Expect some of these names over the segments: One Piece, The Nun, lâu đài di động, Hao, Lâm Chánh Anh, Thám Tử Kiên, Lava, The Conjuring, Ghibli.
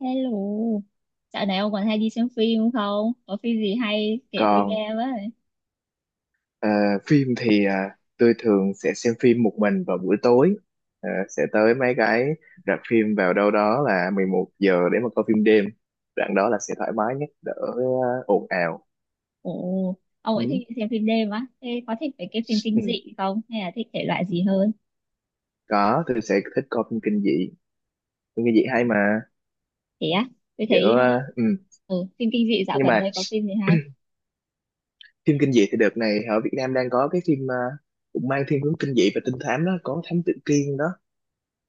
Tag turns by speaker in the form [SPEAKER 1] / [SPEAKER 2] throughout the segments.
[SPEAKER 1] Hello, dạo này ông còn hay đi xem phim không? Không? Có phim gì hay kể tôi
[SPEAKER 2] Còn
[SPEAKER 1] nghe với.
[SPEAKER 2] ờ, phim thì tôi thường sẽ xem phim một mình vào buổi tối. Sẽ tới mấy cái rạp phim vào đâu đó là 11 giờ để mà coi phim đêm. Đoạn đó là sẽ thoải mái nhất, đỡ ồn ào.
[SPEAKER 1] Ồ, ông
[SPEAKER 2] Ừ.
[SPEAKER 1] ấy thích xem phim đêm á. Thế có thích về cái phim kinh
[SPEAKER 2] Ừ.
[SPEAKER 1] dị không? Hay là thích thể loại gì hơn?
[SPEAKER 2] Có, tôi sẽ thích coi phim kinh dị, phim kinh dị hay mà.
[SPEAKER 1] Thế á, tôi
[SPEAKER 2] Kiểu
[SPEAKER 1] thấy
[SPEAKER 2] ừ.
[SPEAKER 1] phim kinh dị dạo
[SPEAKER 2] Nhưng
[SPEAKER 1] gần
[SPEAKER 2] mà
[SPEAKER 1] đây có phim gì hay?
[SPEAKER 2] phim kinh dị thì đợt này ở Việt Nam đang có cái phim cũng mang thiên hướng kinh dị và trinh thám đó, có Thám Tử Kiên đó.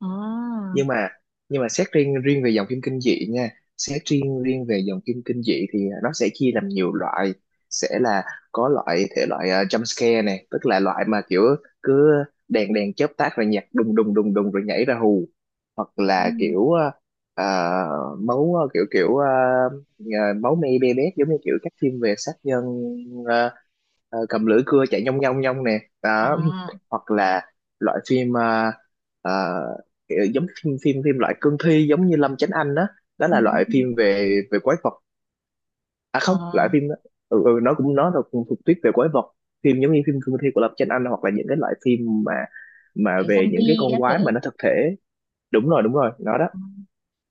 [SPEAKER 1] À,
[SPEAKER 2] Nhưng mà nhưng mà, xét riêng riêng về dòng phim kinh dị nha, xét riêng riêng về dòng phim kinh dị thì nó sẽ chia làm nhiều loại. Sẽ là có loại thể loại jump scare này, tức là loại mà kiểu cứ đèn đèn chớp tắt rồi nhạc đùng đùng đùng đùng rồi nhảy ra hù. Hoặc
[SPEAKER 1] ừ.
[SPEAKER 2] là kiểu, ờ, ờ, máu ờ, kiểu kiểu ờ, ờ, máu me be bét giống như kiểu các phim về sát nhân, ờ, cầm lưỡi cưa chạy nhông nhông nhông nè đó.
[SPEAKER 1] À,
[SPEAKER 2] Hoặc là loại phim, uh, kiểu giống phim phim phim loại cương thi giống như Lâm Chánh Anh đó, đó
[SPEAKER 1] ừ.
[SPEAKER 2] là loại phim về về quái vật. À không, loại
[SPEAKER 1] À,
[SPEAKER 2] phim đó. Ừ, ừ, nó là cũng thuộc tuyết về quái vật. Phim giống như phim cương thi của Lâm Chánh Anh, hoặc là những cái loại phim mà
[SPEAKER 1] kiểu
[SPEAKER 2] về những cái
[SPEAKER 1] zombie
[SPEAKER 2] con
[SPEAKER 1] các thứ.
[SPEAKER 2] quái mà nó thực thể. Đúng rồi, đúng rồi, nó đó.
[SPEAKER 1] Ờ,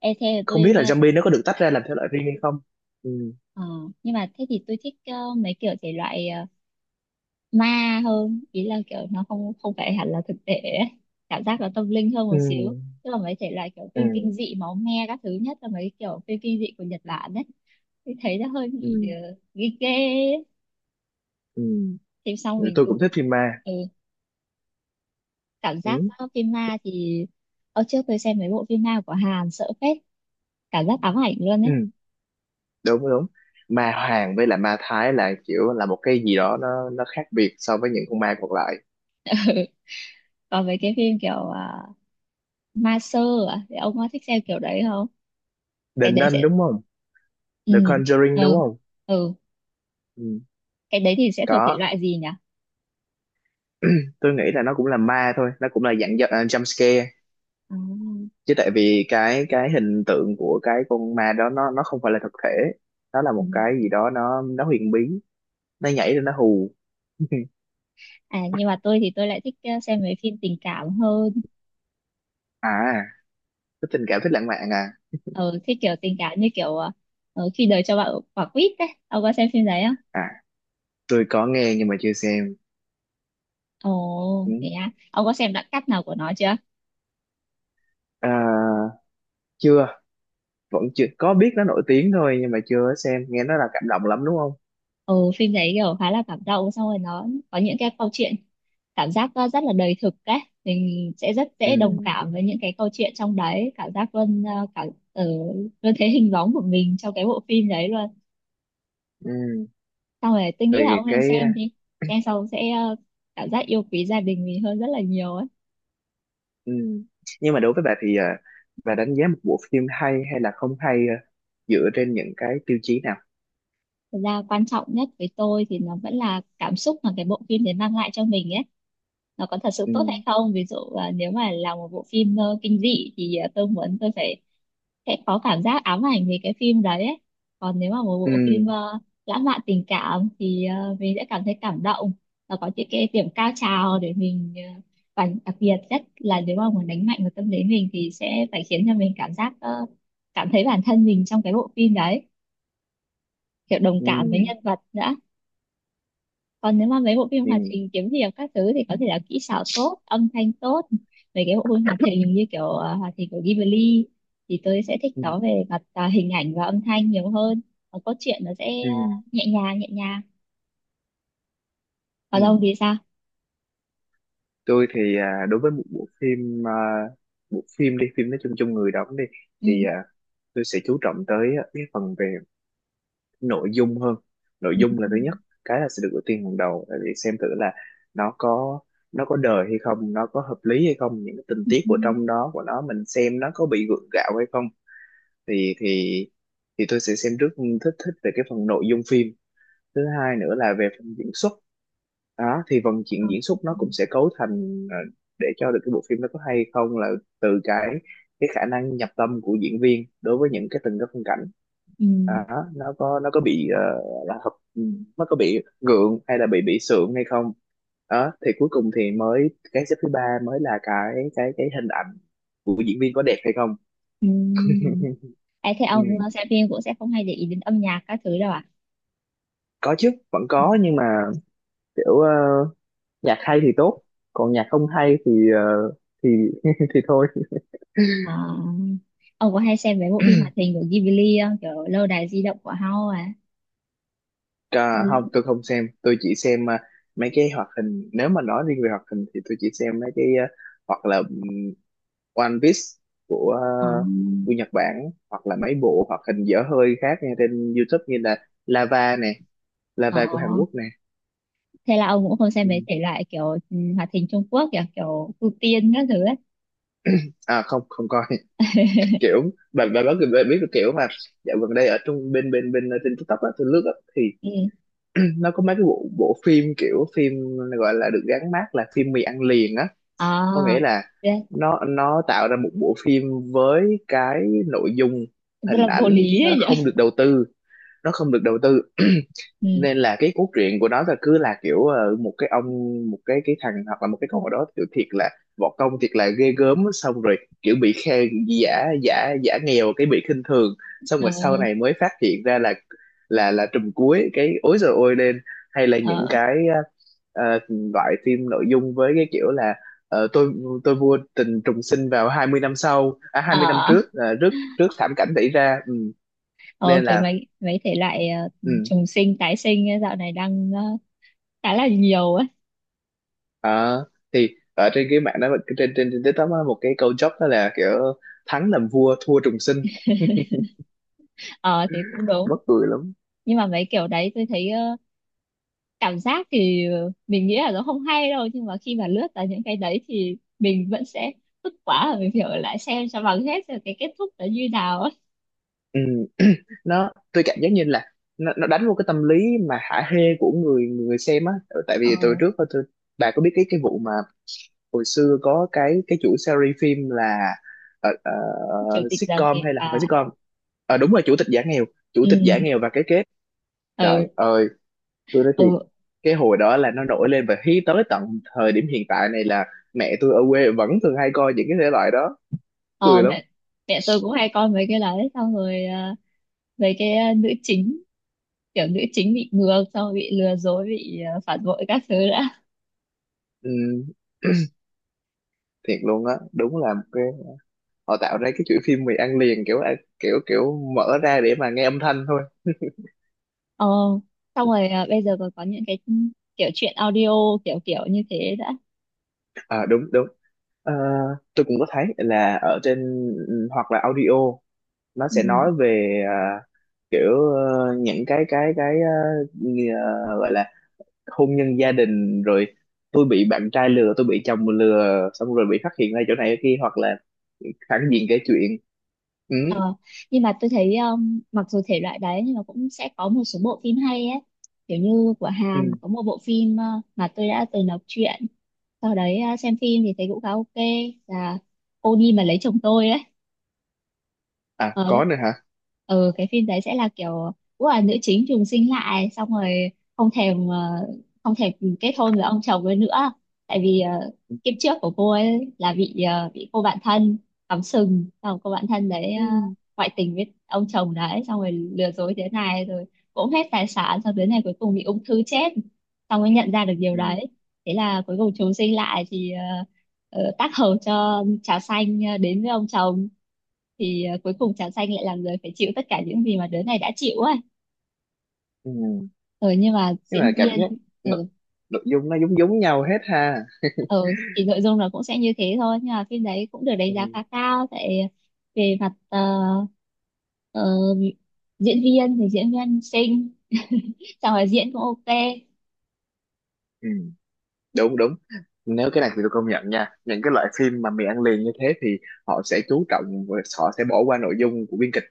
[SPEAKER 1] Thế là tôi,
[SPEAKER 2] Không biết là
[SPEAKER 1] ờ,
[SPEAKER 2] zombie nó có được tách ra làm thể loại riêng hay không. Ừ.
[SPEAKER 1] ờ, nhưng mà thế thì tôi thích mấy kiểu thể loại ma hơn, ý là kiểu nó không không phải hẳn là thực tế ấy. Cảm giác nó tâm linh hơn
[SPEAKER 2] Ừ.
[SPEAKER 1] một xíu, tức là mấy thể loại kiểu
[SPEAKER 2] Ừ.
[SPEAKER 1] phim kinh dị máu me các thứ, nhất là mấy kiểu phim kinh dị của Nhật Bản đấy thì thấy nó hơi
[SPEAKER 2] Ừ.
[SPEAKER 1] bị ghê ghê ấy.
[SPEAKER 2] Ừ.
[SPEAKER 1] Thì xong
[SPEAKER 2] Ừ,
[SPEAKER 1] mình
[SPEAKER 2] tôi
[SPEAKER 1] cứ
[SPEAKER 2] cũng thích phim ma.
[SPEAKER 1] ừ, cảm giác
[SPEAKER 2] Ừ.
[SPEAKER 1] phim ma thì ở trước tôi xem mấy bộ phim ma của Hàn sợ phết, cảm giác ám ảnh luôn
[SPEAKER 2] Ừ.
[SPEAKER 1] đấy.
[SPEAKER 2] Đúng, đúng. Ma hoàng với là ma thái là kiểu là một cái gì đó, nó khác biệt so với những con ma còn lại.
[SPEAKER 1] Còn mấy cái phim kiểu ma sơ à? Thì ông có thích xem kiểu đấy không?
[SPEAKER 2] The
[SPEAKER 1] Cái đấy
[SPEAKER 2] Nun
[SPEAKER 1] sẽ
[SPEAKER 2] đúng không?
[SPEAKER 1] ừ,
[SPEAKER 2] The Conjuring đúng
[SPEAKER 1] ừ,
[SPEAKER 2] không?
[SPEAKER 1] ừ,
[SPEAKER 2] Ừ.
[SPEAKER 1] cái đấy thì sẽ thuộc thể
[SPEAKER 2] Có,
[SPEAKER 1] loại gì nhỉ?
[SPEAKER 2] tôi nghĩ là nó cũng là ma thôi, nó cũng là dạng jump scare.
[SPEAKER 1] À,
[SPEAKER 2] Chứ tại vì cái hình tượng của cái con ma đó, nó không phải là thực thể. Nó là
[SPEAKER 1] ừ.
[SPEAKER 2] một cái gì đó, nó huyền bí, nó nhảy rồi nó hù.
[SPEAKER 1] À, nhưng mà tôi thì tôi lại thích xem mấy phim tình cảm hơn.
[SPEAKER 2] À có, tình cảm thích lãng mạn à?
[SPEAKER 1] Ờ, thích kiểu tình cảm như kiểu khi đời cho bạn quả quýt đấy, ông có xem phim đấy không?
[SPEAKER 2] À, tôi có nghe nhưng mà chưa xem.
[SPEAKER 1] Ồ
[SPEAKER 2] Ừ.
[SPEAKER 1] thế á, ông có xem đoạn cắt nào của nó chưa?
[SPEAKER 2] À, chưa. Vẫn chưa có, biết nó nổi tiếng thôi nhưng mà chưa xem, nghe nó là cảm động lắm đúng không?
[SPEAKER 1] Ồ, phim đấy kiểu khá là cảm động, xong rồi nó có những cái câu chuyện cảm giác rất là đời thực đấy. Mình sẽ rất
[SPEAKER 2] Ừ.
[SPEAKER 1] dễ đồng cảm với những cái câu chuyện trong đấy, cảm giác luôn ờ, luôn thấy hình bóng của mình trong cái bộ phim đấy luôn.
[SPEAKER 2] Ừ.
[SPEAKER 1] Xong rồi tôi
[SPEAKER 2] Thì
[SPEAKER 1] nghĩ là ông nên
[SPEAKER 2] cái.
[SPEAKER 1] xem đi, xem xong sẽ cảm giác yêu quý gia đình mình hơn rất là nhiều ấy.
[SPEAKER 2] Ừ. Nhưng mà đối với bà thì bà đánh giá một bộ phim hay hay là không hay dựa trên những cái tiêu chí nào?
[SPEAKER 1] Thật ra quan trọng nhất với tôi thì nó vẫn là cảm xúc mà cái bộ phim đấy mang lại cho mình ấy, nó có thật sự
[SPEAKER 2] Ừ.
[SPEAKER 1] tốt hay không. Ví dụ nếu mà là một bộ phim kinh dị thì tôi muốn tôi phải sẽ có cảm giác ám ảnh về cái phim đấy ấy. Còn nếu mà một bộ phim
[SPEAKER 2] Ừ.
[SPEAKER 1] lãng mạn tình cảm thì mình sẽ cảm thấy cảm động và có những cái điểm cao trào để mình, và đặc biệt nhất là nếu mà muốn đánh mạnh vào tâm lý mình thì sẽ phải khiến cho mình cảm giác cảm thấy bản thân mình trong cái bộ phim đấy, kiểu đồng
[SPEAKER 2] Ừ.
[SPEAKER 1] cảm với nhân vật nữa. Còn nếu mà mấy bộ phim
[SPEAKER 2] Ừ.
[SPEAKER 1] hoạt hình kiếm hiệp các thứ thì có thể là kỹ xảo tốt, âm thanh tốt. Mấy cái bộ phim hoạt hình như kiểu hoạt hình của Ghibli thì tôi sẽ thích
[SPEAKER 2] Ừ.
[SPEAKER 1] nó về mặt à, hình ảnh và âm thanh nhiều hơn. Còn cốt truyện nó sẽ
[SPEAKER 2] Ừ.
[SPEAKER 1] nhẹ nhàng nhẹ nhàng. Còn
[SPEAKER 2] Ừ.
[SPEAKER 1] ông thì sao?
[SPEAKER 2] Tôi thì đối với một bộ phim, bộ phim đi, phim nói chung chung, người đóng đi
[SPEAKER 1] Ừ
[SPEAKER 2] thì tôi sẽ chú trọng tới cái phần về nội dung hơn. Nội
[SPEAKER 1] Ừ.
[SPEAKER 2] dung là thứ nhất, cái là sẽ được ưu tiên hàng đầu, tại vì xem thử là nó có nó có đời hay không, nó có hợp lý hay không, những cái tình
[SPEAKER 1] Ừ.
[SPEAKER 2] tiết
[SPEAKER 1] Ừ,
[SPEAKER 2] của trong đó của nó mình xem nó có bị gượng gạo hay không. Thì thì thì tôi sẽ xem trước, thích thích về cái phần nội dung phim. Thứ hai nữa là về phần diễn xuất, đó thì phần
[SPEAKER 1] ừ,
[SPEAKER 2] chuyện diễn xuất nó cũng sẽ cấu thành để cho được cái bộ phim nó có hay không là từ cái khả năng nhập tâm của diễn viên đối với những cái từng cái phân cảnh
[SPEAKER 1] ừ,
[SPEAKER 2] đó, nó có bị ờ, là hợp nó có bị gượng hay là bị sượng hay không. Đó thì cuối cùng thì mới cái xếp thứ ba, mới là cái hình ảnh của diễn viên có đẹp hay không.
[SPEAKER 1] ừ. Ê, thế
[SPEAKER 2] Ừ,
[SPEAKER 1] ông xem phim cũng sẽ không hay để ý đến âm nhạc các thứ đâu à?
[SPEAKER 2] có chứ, vẫn có nhưng mà kiểu nhạc hay thì tốt, còn nhạc không hay thì thì thì thôi.
[SPEAKER 1] Ờ, ông có hay xem mấy bộ phim hoạt hình của Ghibli không, kiểu lâu đài di động của Hao à? Ừ.
[SPEAKER 2] À, không tôi không xem, tôi chỉ xem mấy cái hoạt hình. Nếu mà nói riêng về hoạt hình thì tôi chỉ xem mấy cái, à, hoặc là One Piece của à,
[SPEAKER 1] Ờ,
[SPEAKER 2] của Nhật Bản, hoặc là mấy bộ hoạt hình dở hơi khác nghe trên YouTube như là Lava nè,
[SPEAKER 1] ờ,
[SPEAKER 2] Lava của Hàn Quốc nè.
[SPEAKER 1] thế là ông cũng không xem mấy
[SPEAKER 2] Ừm.
[SPEAKER 1] thể loại kiểu ừ, hoạt hình Trung Quốc kiểu kiểu ưu tiên các thứ ấy.
[SPEAKER 2] À không, không coi. Kiểu, bạn bạn biết cái kiểu mà dạo gần đây ở trong bên bên bên ờ, trên TikTok á, tôi lướt á, thì
[SPEAKER 1] Ừ.
[SPEAKER 2] nó có mấy cái bộ bộ phim kiểu phim gọi là được gắn mác là phim mì ăn liền á.
[SPEAKER 1] À,
[SPEAKER 2] Có nghĩa là
[SPEAKER 1] thế-
[SPEAKER 2] nó tạo ra một bộ phim với cái nội dung,
[SPEAKER 1] rất
[SPEAKER 2] hình
[SPEAKER 1] là vô
[SPEAKER 2] ảnh
[SPEAKER 1] lý
[SPEAKER 2] nó
[SPEAKER 1] ấy nhỉ.
[SPEAKER 2] không được đầu tư, nó không được đầu tư.
[SPEAKER 1] Ừ.
[SPEAKER 2] Nên là cái cốt truyện của nó là cứ là kiểu một cái ông, một cái thằng hoặc là một cái con ở đó kiểu thiệt là võ công thiệt là ghê gớm, xong rồi kiểu bị khen, giả giả giả nghèo, cái bị khinh thường, xong
[SPEAKER 1] Ờ,
[SPEAKER 2] rồi sau này mới phát hiện ra là trùm cuối, cái ối giời ôi lên. Hay là những
[SPEAKER 1] ờ,
[SPEAKER 2] cái ờ, ờ, loại phim nội dung với cái kiểu là ờ, tôi tôi mua tình trùng sinh vào 20 năm sau, à 20 năm
[SPEAKER 1] ờ.
[SPEAKER 2] trước, trước thảm cảnh xảy ra. Ừ.
[SPEAKER 1] Ờ,
[SPEAKER 2] Nên
[SPEAKER 1] kiểu
[SPEAKER 2] là,
[SPEAKER 1] mấy mấy thể loại
[SPEAKER 2] ừ.
[SPEAKER 1] trùng sinh tái sinh ấy, dạo này đang khá là nhiều ấy.
[SPEAKER 2] Ờ, thì ở trên cái mạng đó, trên trên trên TikTok á, một cái câu joke đó là kiểu thắng làm vua, thua trùng sinh.
[SPEAKER 1] Ờ thì cũng đúng.
[SPEAKER 2] Mắc cười lắm.
[SPEAKER 1] Nhưng mà mấy kiểu đấy tôi thấy cảm giác thì mình nghĩ là nó không hay đâu, nhưng mà khi mà lướt vào những cái đấy thì mình vẫn sẽ tức quá, rồi mình phải ở lại xem cho bằng hết rồi cái kết thúc nó như nào ấy.
[SPEAKER 2] Ừ. Tôi cảm giác như là nó đánh vô cái tâm lý mà hả hê của người người xem á. Ừ, tại
[SPEAKER 1] Ờ.
[SPEAKER 2] vì từ trước á, tôi, bà có biết cái vụ mà hồi xưa có cái chủ series phim là ờ, ờ,
[SPEAKER 1] Chủ tịch Gia
[SPEAKER 2] sitcom
[SPEAKER 1] Kiệt
[SPEAKER 2] hay là không phải
[SPEAKER 1] à?
[SPEAKER 2] sitcom. Ờ, đúng rồi, chủ tịch giả nghèo, chủ tịch giả
[SPEAKER 1] Ừ,
[SPEAKER 2] nghèo và cái kết.
[SPEAKER 1] ừ,
[SPEAKER 2] Trời ơi, tôi nói thiệt,
[SPEAKER 1] ừ,
[SPEAKER 2] cái hồi đó là nó nổi lên và hí tới tận thời điểm hiện tại này là mẹ tôi ở quê vẫn thường hay coi những cái thể loại đó.
[SPEAKER 1] ờ,
[SPEAKER 2] Cười lắm.
[SPEAKER 1] mẹ mẹ tôi cũng hay coi mấy cái đấy, xong rồi à, mấy cái à, nữ chính, kiểu nữ chính bị ngược xong rồi bị lừa dối, bị à, phản bội các thứ đã.
[SPEAKER 2] Ừ, thiệt luôn á, đúng là một cái họ tạo ra cái chuỗi phim mì ăn liền, kiểu kiểu kiểu mở ra để mà nghe âm thanh thôi.
[SPEAKER 1] Ờ, xong rồi à, bây giờ còn có những cái kiểu chuyện audio kiểu kiểu như thế đã.
[SPEAKER 2] À, đúng đúng. Ờ, tôi cũng có thấy là ở trên, ừ, hoặc là audio nó
[SPEAKER 1] Ừ,
[SPEAKER 2] sẽ nói về, kiểu những cái gọi là hôn nhân gia đình rồi tôi bị bạn trai lừa, tôi bị chồng lừa, xong rồi bị phát hiện ra chỗ này chỗ kia, hoặc là phản diện kể chuyện. Ừ,
[SPEAKER 1] ờ, nhưng mà tôi thấy mặc dù thể loại đấy nhưng mà cũng sẽ có một số bộ phim hay ấy, kiểu như của
[SPEAKER 2] ừ.
[SPEAKER 1] Hàn có một bộ phim mà tôi đã từng đọc truyện, sau đấy à, xem phim thì thấy cũng khá ok, là cô đi mà lấy chồng tôi.
[SPEAKER 2] À,
[SPEAKER 1] Ờ.
[SPEAKER 2] có nữa hả?
[SPEAKER 1] Ừ, cái phim đấy sẽ là kiểu cũng là nữ chính trùng sinh lại, xong rồi không thèm ờ, không thèm kết hôn với ông chồng ấy nữa, tại vì kiếp trước của cô ấy là bị bị cô bạn thân cắm sừng, xong rồi cô bạn thân đấy
[SPEAKER 2] Ừ.
[SPEAKER 1] ngoại tình với ông chồng đấy xong rồi lừa dối thế này, rồi cũng hết tài sản, xong đến này cuối cùng bị ung thư chết, xong mới nhận ra được điều
[SPEAKER 2] Ừ.
[SPEAKER 1] đấy. Thế là cuối cùng trùng sinh lại thì tác hợp cho trà xanh đến với ông chồng, thì cuối cùng trà xanh lại là người phải chịu tất cả những gì mà đứa này đã chịu ấy.
[SPEAKER 2] Ừ.
[SPEAKER 1] Ừ, nhưng mà
[SPEAKER 2] Nhưng mà
[SPEAKER 1] diễn
[SPEAKER 2] cảm giác
[SPEAKER 1] viên
[SPEAKER 2] nội,
[SPEAKER 1] ừ,
[SPEAKER 2] nội dung nó giống giống nhau hết ha.
[SPEAKER 1] ừ, thì nội dung nó cũng sẽ như thế thôi, nhưng mà phim đấy cũng được đánh giá
[SPEAKER 2] Ừ.
[SPEAKER 1] khá cao tại về mặt ờ, diễn viên thì diễn viên xinh, xong rồi diễn cũng ok.
[SPEAKER 2] Ừ. Đúng đúng. Nếu cái này thì tôi công nhận nha, những cái loại phim mà mì ăn liền như thế thì họ sẽ chú trọng và họ sẽ bỏ qua nội dung của biên kịch,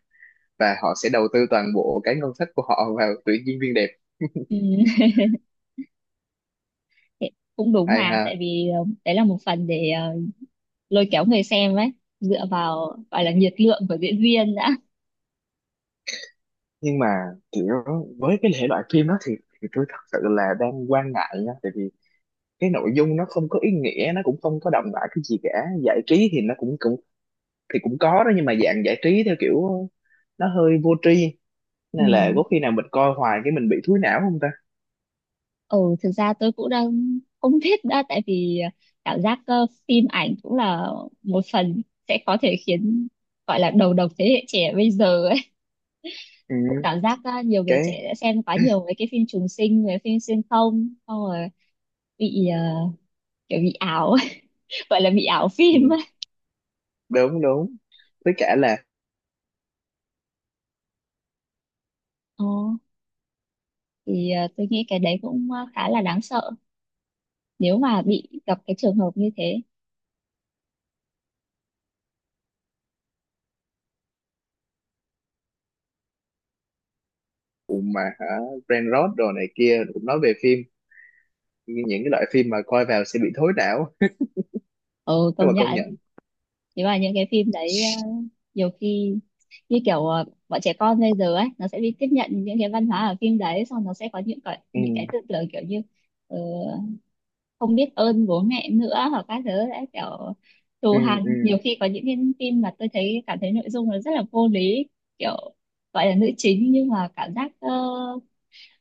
[SPEAKER 2] và họ sẽ đầu tư toàn bộ cái ngân sách của họ vào tuyển diễn viên đẹp.
[SPEAKER 1] Ừ, thế cũng đúng
[SPEAKER 2] Hay
[SPEAKER 1] mà, tại
[SPEAKER 2] ha.
[SPEAKER 1] vì đấy là một phần để lôi kéo người xem ấy, dựa vào gọi là nhiệt lượng của diễn viên đã.
[SPEAKER 2] Nhưng mà kiểu với cái thể loại phim đó thì, tôi thật sự là đang quan ngại nha, tại vì cái nội dung nó không có ý nghĩa, nó cũng không có đậm đà cái gì cả. Giải trí thì nó cũng cũng thì cũng có đó, nhưng mà dạng giải trí theo kiểu nó hơi vô tri. Nên
[SPEAKER 1] Ừ.
[SPEAKER 2] là có khi nào mình coi hoài, cái mình bị thúi não không ta?
[SPEAKER 1] Ừ, thực ra tôi cũng đang không biết đã, tại vì cảm giác phim ảnh cũng là một phần sẽ có thể khiến, gọi là đầu độc thế hệ trẻ bây giờ ấy.
[SPEAKER 2] Ừ,
[SPEAKER 1] Tôi cảm giác nhiều người
[SPEAKER 2] cái,
[SPEAKER 1] trẻ đã xem quá nhiều mấy cái phim trùng sinh, mấy phim xuyên không, xong rồi bị kiểu bị ảo, gọi là bị ảo phim
[SPEAKER 2] ừ,
[SPEAKER 1] ấy.
[SPEAKER 2] đúng đúng, với cả là
[SPEAKER 1] Ờ, thì tôi nghĩ cái đấy cũng khá là đáng sợ nếu mà bị gặp cái trường hợp như thế.
[SPEAKER 2] cùng mà hả? Brain rot đồ này kia cũng nói về phim, nhưng những cái loại phim mà coi vào sẽ bị thối não.
[SPEAKER 1] Ừ,
[SPEAKER 2] Nhưng mà
[SPEAKER 1] công
[SPEAKER 2] công
[SPEAKER 1] nhận.
[SPEAKER 2] nhận.
[SPEAKER 1] Nếu mà những cái phim đấy nhiều khi như kiểu bọn trẻ con bây giờ ấy, nó sẽ đi tiếp nhận những cái văn hóa ở phim đấy, xong nó sẽ có
[SPEAKER 2] Ừ.
[SPEAKER 1] những cái tư tưởng kiểu như ờ, không biết ơn bố mẹ nữa hoặc các thứ đấy, kiểu
[SPEAKER 2] Ừ.
[SPEAKER 1] thù
[SPEAKER 2] Ừ.
[SPEAKER 1] hằn, nhiều khi có những cái phim mà tôi thấy cảm thấy nội dung nó rất là vô lý, kiểu gọi là nữ chính nhưng mà cảm giác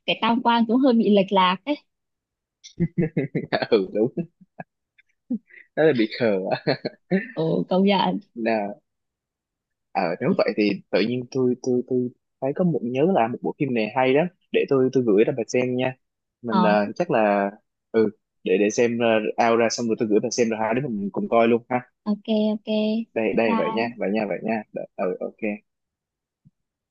[SPEAKER 1] cái tam quan cũng hơi bị lệch lạc ấy.
[SPEAKER 2] Ừ, đúng, đó là bị khờ á.
[SPEAKER 1] Ừ, công nhận.
[SPEAKER 2] Nè, ờ nếu vậy thì tự nhiên tôi thấy có nhớ là một bộ phim này hay lắm, để tôi gửi cho bà xem nha. Mình
[SPEAKER 1] Ờ,
[SPEAKER 2] chắc là, ừ, để xem out ra, xong rồi tôi gửi bà xem rồi hai đứa mình cùng coi luôn ha.
[SPEAKER 1] ok, ok,
[SPEAKER 2] Đây
[SPEAKER 1] bye
[SPEAKER 2] đây, vậy nha,
[SPEAKER 1] bye.
[SPEAKER 2] vậy nha, vậy nha. Ừ, ok.